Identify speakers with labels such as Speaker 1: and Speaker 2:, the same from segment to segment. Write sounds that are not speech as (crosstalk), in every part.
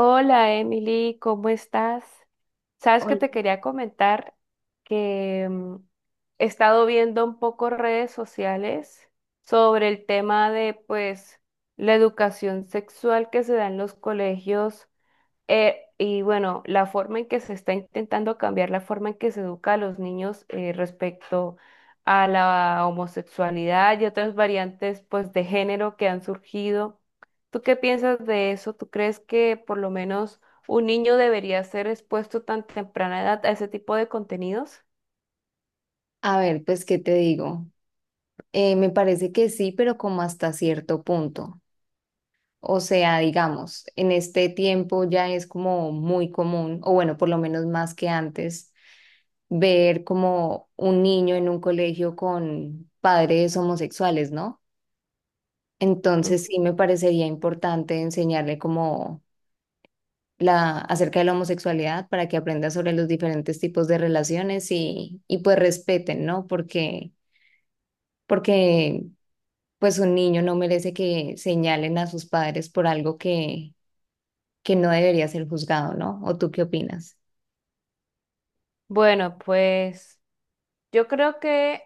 Speaker 1: Hola Emily, ¿cómo estás? Sabes que
Speaker 2: Hola.
Speaker 1: te quería comentar que he estado viendo un poco redes sociales sobre el tema de pues la educación sexual que se da en los colegios, y bueno, la forma en que se está intentando cambiar la forma en que se educa a los niños, respecto a la homosexualidad y otras variantes pues de género que han surgido. ¿Tú qué piensas de eso? ¿Tú crees que por lo menos un niño debería ser expuesto tan temprana edad a ese tipo de contenidos?
Speaker 2: A ver, pues, ¿qué te digo? Me parece que sí, pero como hasta cierto punto. O sea, digamos, en este tiempo ya es como muy común, o bueno, por lo menos más que antes, ver como un niño en un colegio con padres homosexuales, ¿no?
Speaker 1: Ujú.
Speaker 2: Entonces sí me parecería importante enseñarle como la acerca de la homosexualidad para que aprenda sobre los diferentes tipos de relaciones y pues respeten, ¿no? Porque pues un niño no merece que señalen a sus padres por algo que no debería ser juzgado, ¿no? ¿O tú qué opinas?
Speaker 1: Bueno, pues yo creo que,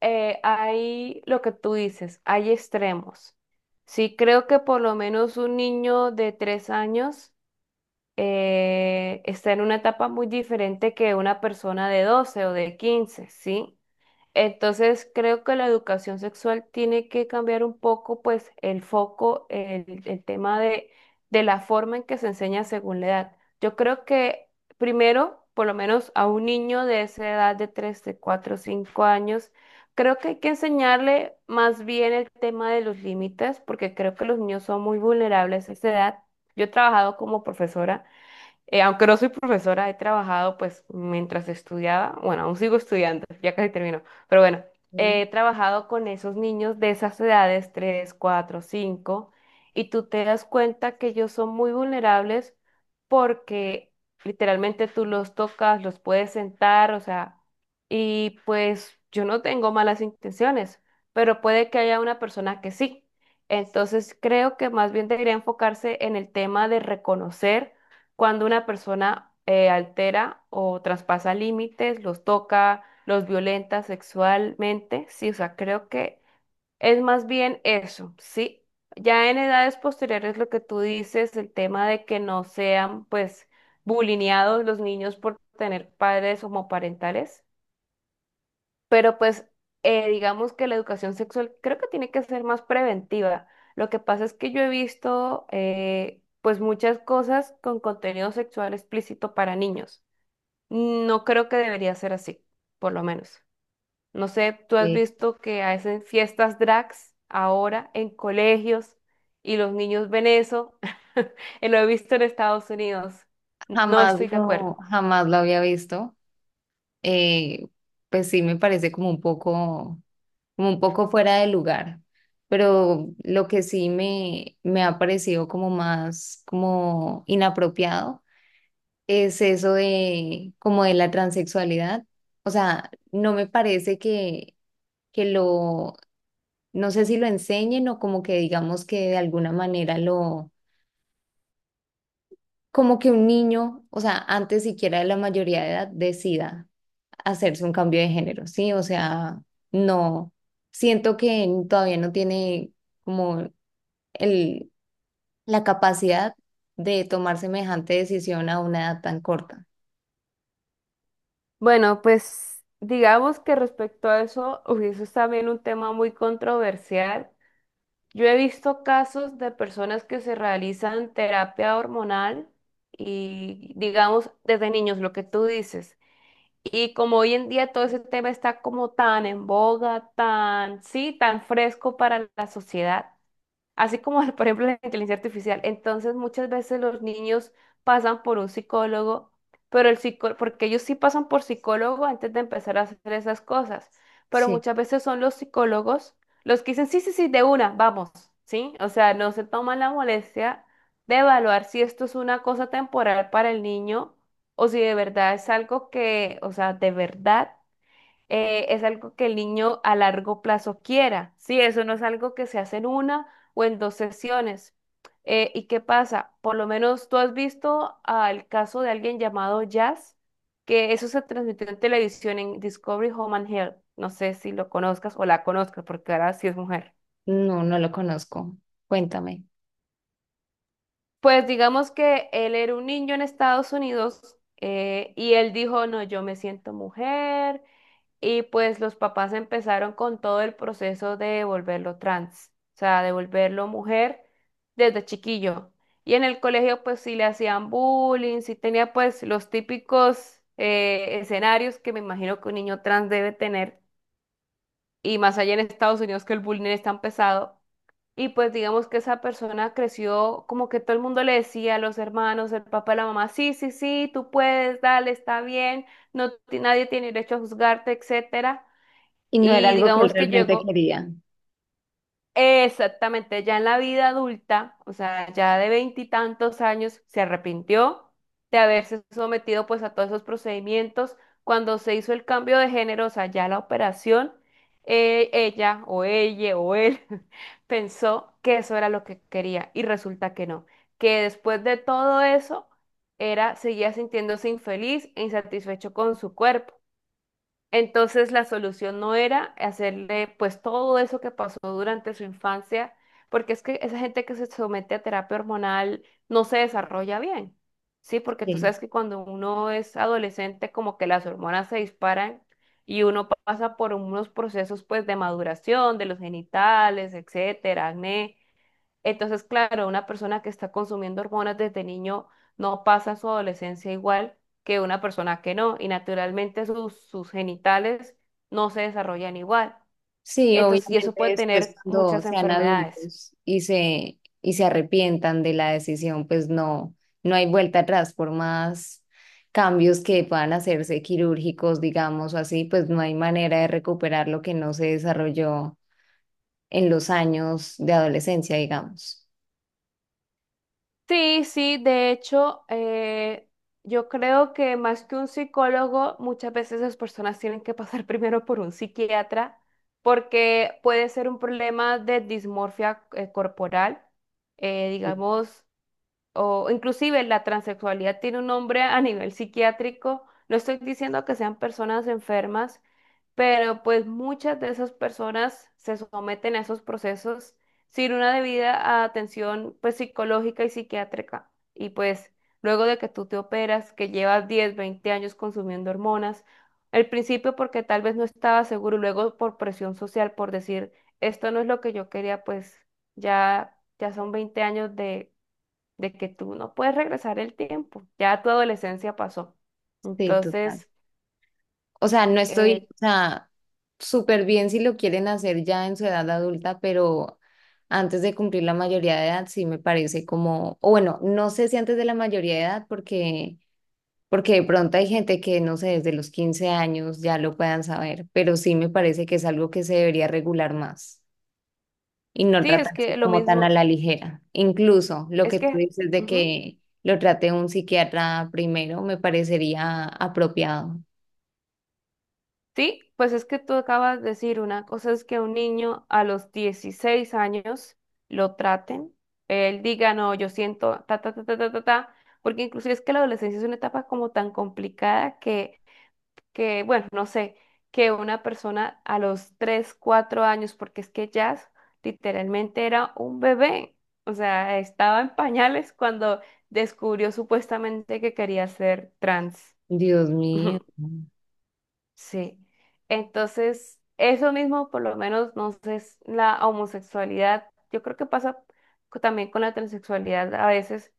Speaker 1: hay lo que tú dices, hay extremos. Sí, creo que por lo menos un niño de 3 años está en una etapa muy diferente que una persona de 12 o de 15, ¿sí? Entonces, creo que la educación sexual tiene que cambiar un poco, pues, el foco, el tema de la forma en que se enseña según la edad. Yo creo que primero, por lo menos a un niño de esa edad de 3, de 4, 5 años, creo que hay que enseñarle más bien el tema de los límites, porque creo que los niños son muy vulnerables a esa edad. Yo he trabajado como profesora, aunque no soy profesora, he trabajado pues mientras estudiaba, bueno, aún sigo estudiando, ya casi termino, pero bueno,
Speaker 2: Mm.
Speaker 1: he trabajado con esos niños de esas edades, 3, 4, 5, y tú te das cuenta que ellos son muy vulnerables porque literalmente tú los tocas, los puedes sentar, o sea, y pues yo no tengo malas intenciones, pero puede que haya una persona que sí. Entonces creo que más bien debería enfocarse en el tema de reconocer cuando una persona, altera o traspasa límites, los toca, los violenta sexualmente, sí, o sea, creo que es más bien eso, sí. Ya en edades posteriores lo que tú dices, el tema de que no sean pues bulineados los niños por tener padres homoparentales, pero pues, digamos que la educación sexual creo que tiene que ser más preventiva. Lo que pasa es que yo he visto, pues muchas cosas con contenido sexual explícito para niños. No creo que debería ser así, por lo menos. No sé, tú has
Speaker 2: Eh,
Speaker 1: visto que hacen fiestas drags ahora en colegios y los niños ven eso. (laughs) Lo he visto en Estados Unidos. No estoy de acuerdo.
Speaker 2: jamás lo había visto. Eh, pues sí me parece como un poco fuera de lugar. Pero lo que sí me ha parecido como más como inapropiado es eso de como de la transexualidad. O sea, no me parece que lo No sé si lo enseñen o como que digamos que de alguna manera lo, como que un niño, o sea, antes siquiera de la mayoría de edad, decida hacerse un cambio de género, ¿sí? O sea, no, siento que todavía no tiene como el, la capacidad de tomar semejante decisión a una edad tan corta.
Speaker 1: Bueno, pues digamos que respecto a eso, uy, eso es también un tema muy controversial. Yo he visto casos de personas que se realizan terapia hormonal y digamos desde niños, lo que tú dices. Y como hoy en día todo ese tema está como tan en boga, tan, sí, tan fresco para la sociedad, así como (laughs) por ejemplo la inteligencia artificial. Entonces muchas veces los niños pasan por un psicólogo, pero el psicólogo, porque ellos sí pasan por psicólogo antes de empezar a hacer esas cosas, pero
Speaker 2: Sí,
Speaker 1: muchas veces son los psicólogos los que dicen, sí, sí, sí, de una, vamos, ¿sí? O sea, no se toman la molestia de evaluar si esto es una cosa temporal para el niño o si de verdad es algo que, o sea, de verdad, es algo que el niño a largo plazo quiera, ¿sí? Eso no es algo que se hace en una o en dos sesiones. ¿Y qué pasa? Por lo menos tú has visto al caso de alguien llamado Jazz, que eso se transmitió en televisión en Discovery Home and Health. No sé si lo conozcas o la conozcas, porque ahora sí es mujer.
Speaker 2: no, no lo conozco. Cuéntame.
Speaker 1: Pues digamos que él era un niño en Estados Unidos, y él dijo, no, yo me siento mujer, y pues los papás empezaron con todo el proceso de volverlo trans, o sea, de volverlo mujer desde chiquillo. Y en el colegio pues sí le hacían bullying, sí tenía pues los típicos, escenarios que me imagino que un niño trans debe tener, y más allá en Estados Unidos que el bullying es tan pesado. Y pues digamos que esa persona creció como que todo el mundo le decía a los hermanos, el papá, la mamá, sí, sí, sí, tú puedes, dale, está bien, no, nadie tiene derecho a juzgarte, etcétera.
Speaker 2: Y no era
Speaker 1: Y
Speaker 2: algo que él
Speaker 1: digamos que
Speaker 2: realmente
Speaker 1: llego
Speaker 2: quería.
Speaker 1: exactamente ya en la vida adulta, o sea, ya de veintitantos años, se arrepintió de haberse sometido pues a todos esos procedimientos. Cuando se hizo el cambio de género, o sea, ya la operación, ella o ella o él (laughs) pensó que eso era lo que quería y resulta que no, que después de todo eso seguía sintiéndose infeliz e insatisfecho con su cuerpo. Entonces la solución no era hacerle pues todo eso que pasó durante su infancia, porque es que esa gente que se somete a terapia hormonal no se desarrolla bien, ¿sí? Porque tú
Speaker 2: Sí.
Speaker 1: sabes que cuando uno es adolescente como que las hormonas se disparan y uno pasa por unos procesos pues de maduración de los genitales, etcétera, acné. Entonces, claro, una persona que está consumiendo hormonas desde niño no pasa su adolescencia igual que una persona que no, y naturalmente sus genitales no se desarrollan igual.
Speaker 2: Sí,
Speaker 1: Entonces, y
Speaker 2: obviamente
Speaker 1: eso puede
Speaker 2: después
Speaker 1: tener
Speaker 2: cuando
Speaker 1: muchas
Speaker 2: sean
Speaker 1: enfermedades.
Speaker 2: adultos y se arrepientan de la decisión, pues no, no hay vuelta atrás, por más cambios que puedan hacerse quirúrgicos, digamos, o así, pues no hay manera de recuperar lo que no se desarrolló en los años de adolescencia, digamos.
Speaker 1: Sí, sí, de hecho, yo creo que más que un psicólogo, muchas veces las personas tienen que pasar (laughs) primero por un psiquiatra porque puede ser un problema de dismorfia, corporal,
Speaker 2: Sí,
Speaker 1: digamos, o inclusive la transexualidad tiene un nombre a nivel psiquiátrico. No estoy diciendo que sean personas enfermas, pero pues muchas de esas personas se someten a esos procesos sin una debida atención pues psicológica y psiquiátrica. Y pues luego de que tú te operas, que llevas 10 20 años consumiendo hormonas, al principio porque tal vez no estaba seguro, y luego por presión social, por decir, esto no es lo que yo quería, pues ya son 20 años de que tú no puedes regresar el tiempo, ya tu adolescencia pasó.
Speaker 2: sí, total.
Speaker 1: Entonces,
Speaker 2: O sea, no
Speaker 1: eh,
Speaker 2: estoy, o sea, súper bien si lo quieren hacer ya en su edad adulta, pero antes de cumplir la mayoría de edad sí me parece como, o bueno, no sé si antes de la mayoría de edad porque de pronto hay gente que no sé, desde los 15 años ya lo puedan saber, pero sí me parece que es algo que se debería regular más y no
Speaker 1: sí, es que
Speaker 2: tratarse
Speaker 1: lo
Speaker 2: como tan a
Speaker 1: mismo,
Speaker 2: la ligera. Incluso lo
Speaker 1: es
Speaker 2: que tú
Speaker 1: que,
Speaker 2: dices de
Speaker 1: ujú,
Speaker 2: que lo trate un psiquiatra primero me parecería apropiado.
Speaker 1: sí, pues es que tú acabas de decir, una cosa es que un niño a los 16 años lo traten, él diga, no, yo siento, ta, ta, ta, ta, ta, ta, ta, porque inclusive es que la adolescencia es una etapa como tan complicada que, bueno, no sé, que una persona a los 3 4 años, porque es que Jazz literalmente era un bebé, o sea, estaba en pañales cuando descubrió supuestamente que quería ser trans.
Speaker 2: Dios
Speaker 1: (laughs)
Speaker 2: mío.
Speaker 1: Ujú. Sí. Entonces, eso mismo, por lo menos, no sé, es la homosexualidad, yo creo que pasa también con la transexualidad a veces,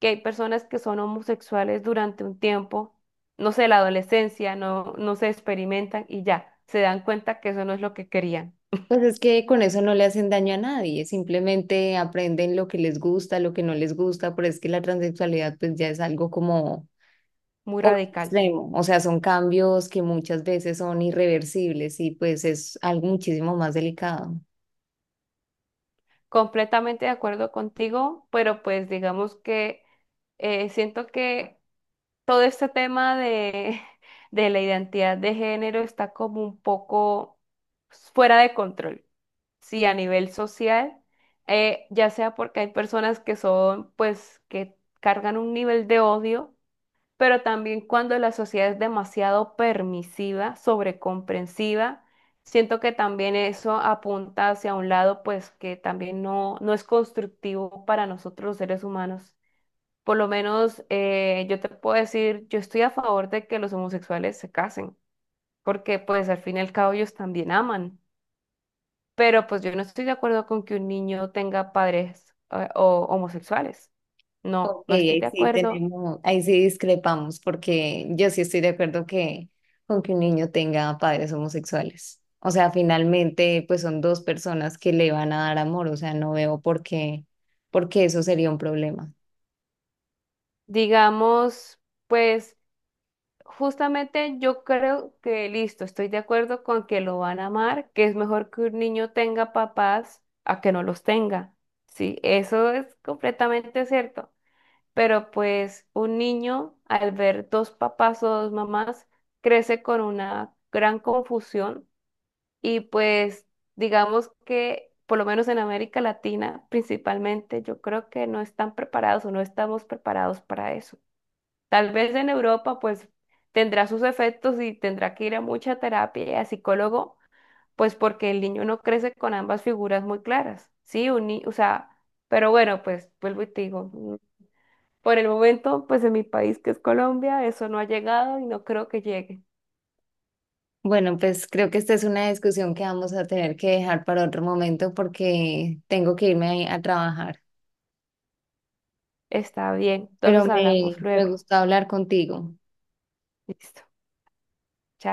Speaker 1: que hay personas que son homosexuales durante un tiempo, no sé, la adolescencia, no, no se experimentan y ya, se dan cuenta que eso no es lo que querían.
Speaker 2: Pues es que con eso no le hacen daño a nadie, simplemente aprenden lo que les gusta, lo que no les gusta, pero es que la transexualidad pues ya es algo como
Speaker 1: Muy radical.
Speaker 2: extremo, o sea, son cambios que muchas veces son irreversibles y pues es algo muchísimo más delicado.
Speaker 1: Completamente de acuerdo contigo, pero pues digamos que, siento que todo este tema de, (laughs) de la identidad de género está como un poco fuera de control. Sí, a nivel social, ya sea porque hay personas que son, pues, que cargan un nivel de odio, pero también cuando la sociedad es demasiado permisiva, sobrecomprensiva, siento que también eso apunta hacia un lado, pues que también no es constructivo para nosotros los seres humanos. Por lo menos, yo te puedo decir, yo estoy a favor de que los homosexuales se casen, porque pues al fin y al cabo ellos también aman, pero pues yo no estoy de acuerdo con que un niño tenga padres, o homosexuales. No,
Speaker 2: Ok,
Speaker 1: no estoy
Speaker 2: ahí
Speaker 1: de
Speaker 2: sí
Speaker 1: acuerdo.
Speaker 2: tenemos, ahí sí discrepamos, porque yo sí estoy de acuerdo que con que un niño tenga padres homosexuales. O sea, finalmente, pues son dos personas que le van a dar amor, o sea, no veo por qué eso sería un problema.
Speaker 1: Digamos, pues justamente yo creo que listo, estoy de acuerdo con que lo van a amar, que es mejor que un niño tenga papás a que no los tenga. Sí, eso es completamente cierto. Pero pues un niño al ver dos papás o dos mamás crece con una gran confusión y pues digamos que por lo menos en América Latina principalmente yo creo que no están preparados o no estamos preparados para eso. Tal vez en Europa, pues tendrá sus efectos y tendrá que ir a mucha terapia y a psicólogo, pues porque el niño no crece con ambas figuras muy claras, ¿sí? Un ni- O sea, pero bueno, pues vuelvo y te digo, por el momento, pues en mi país que es Colombia, eso no ha llegado y no creo que llegue.
Speaker 2: Bueno, pues creo que esta es una discusión que vamos a tener que dejar para otro momento porque tengo que irme a trabajar.
Speaker 1: Está bien,
Speaker 2: Pero
Speaker 1: entonces hablamos
Speaker 2: me
Speaker 1: luego.
Speaker 2: gustó hablar contigo.
Speaker 1: Listo.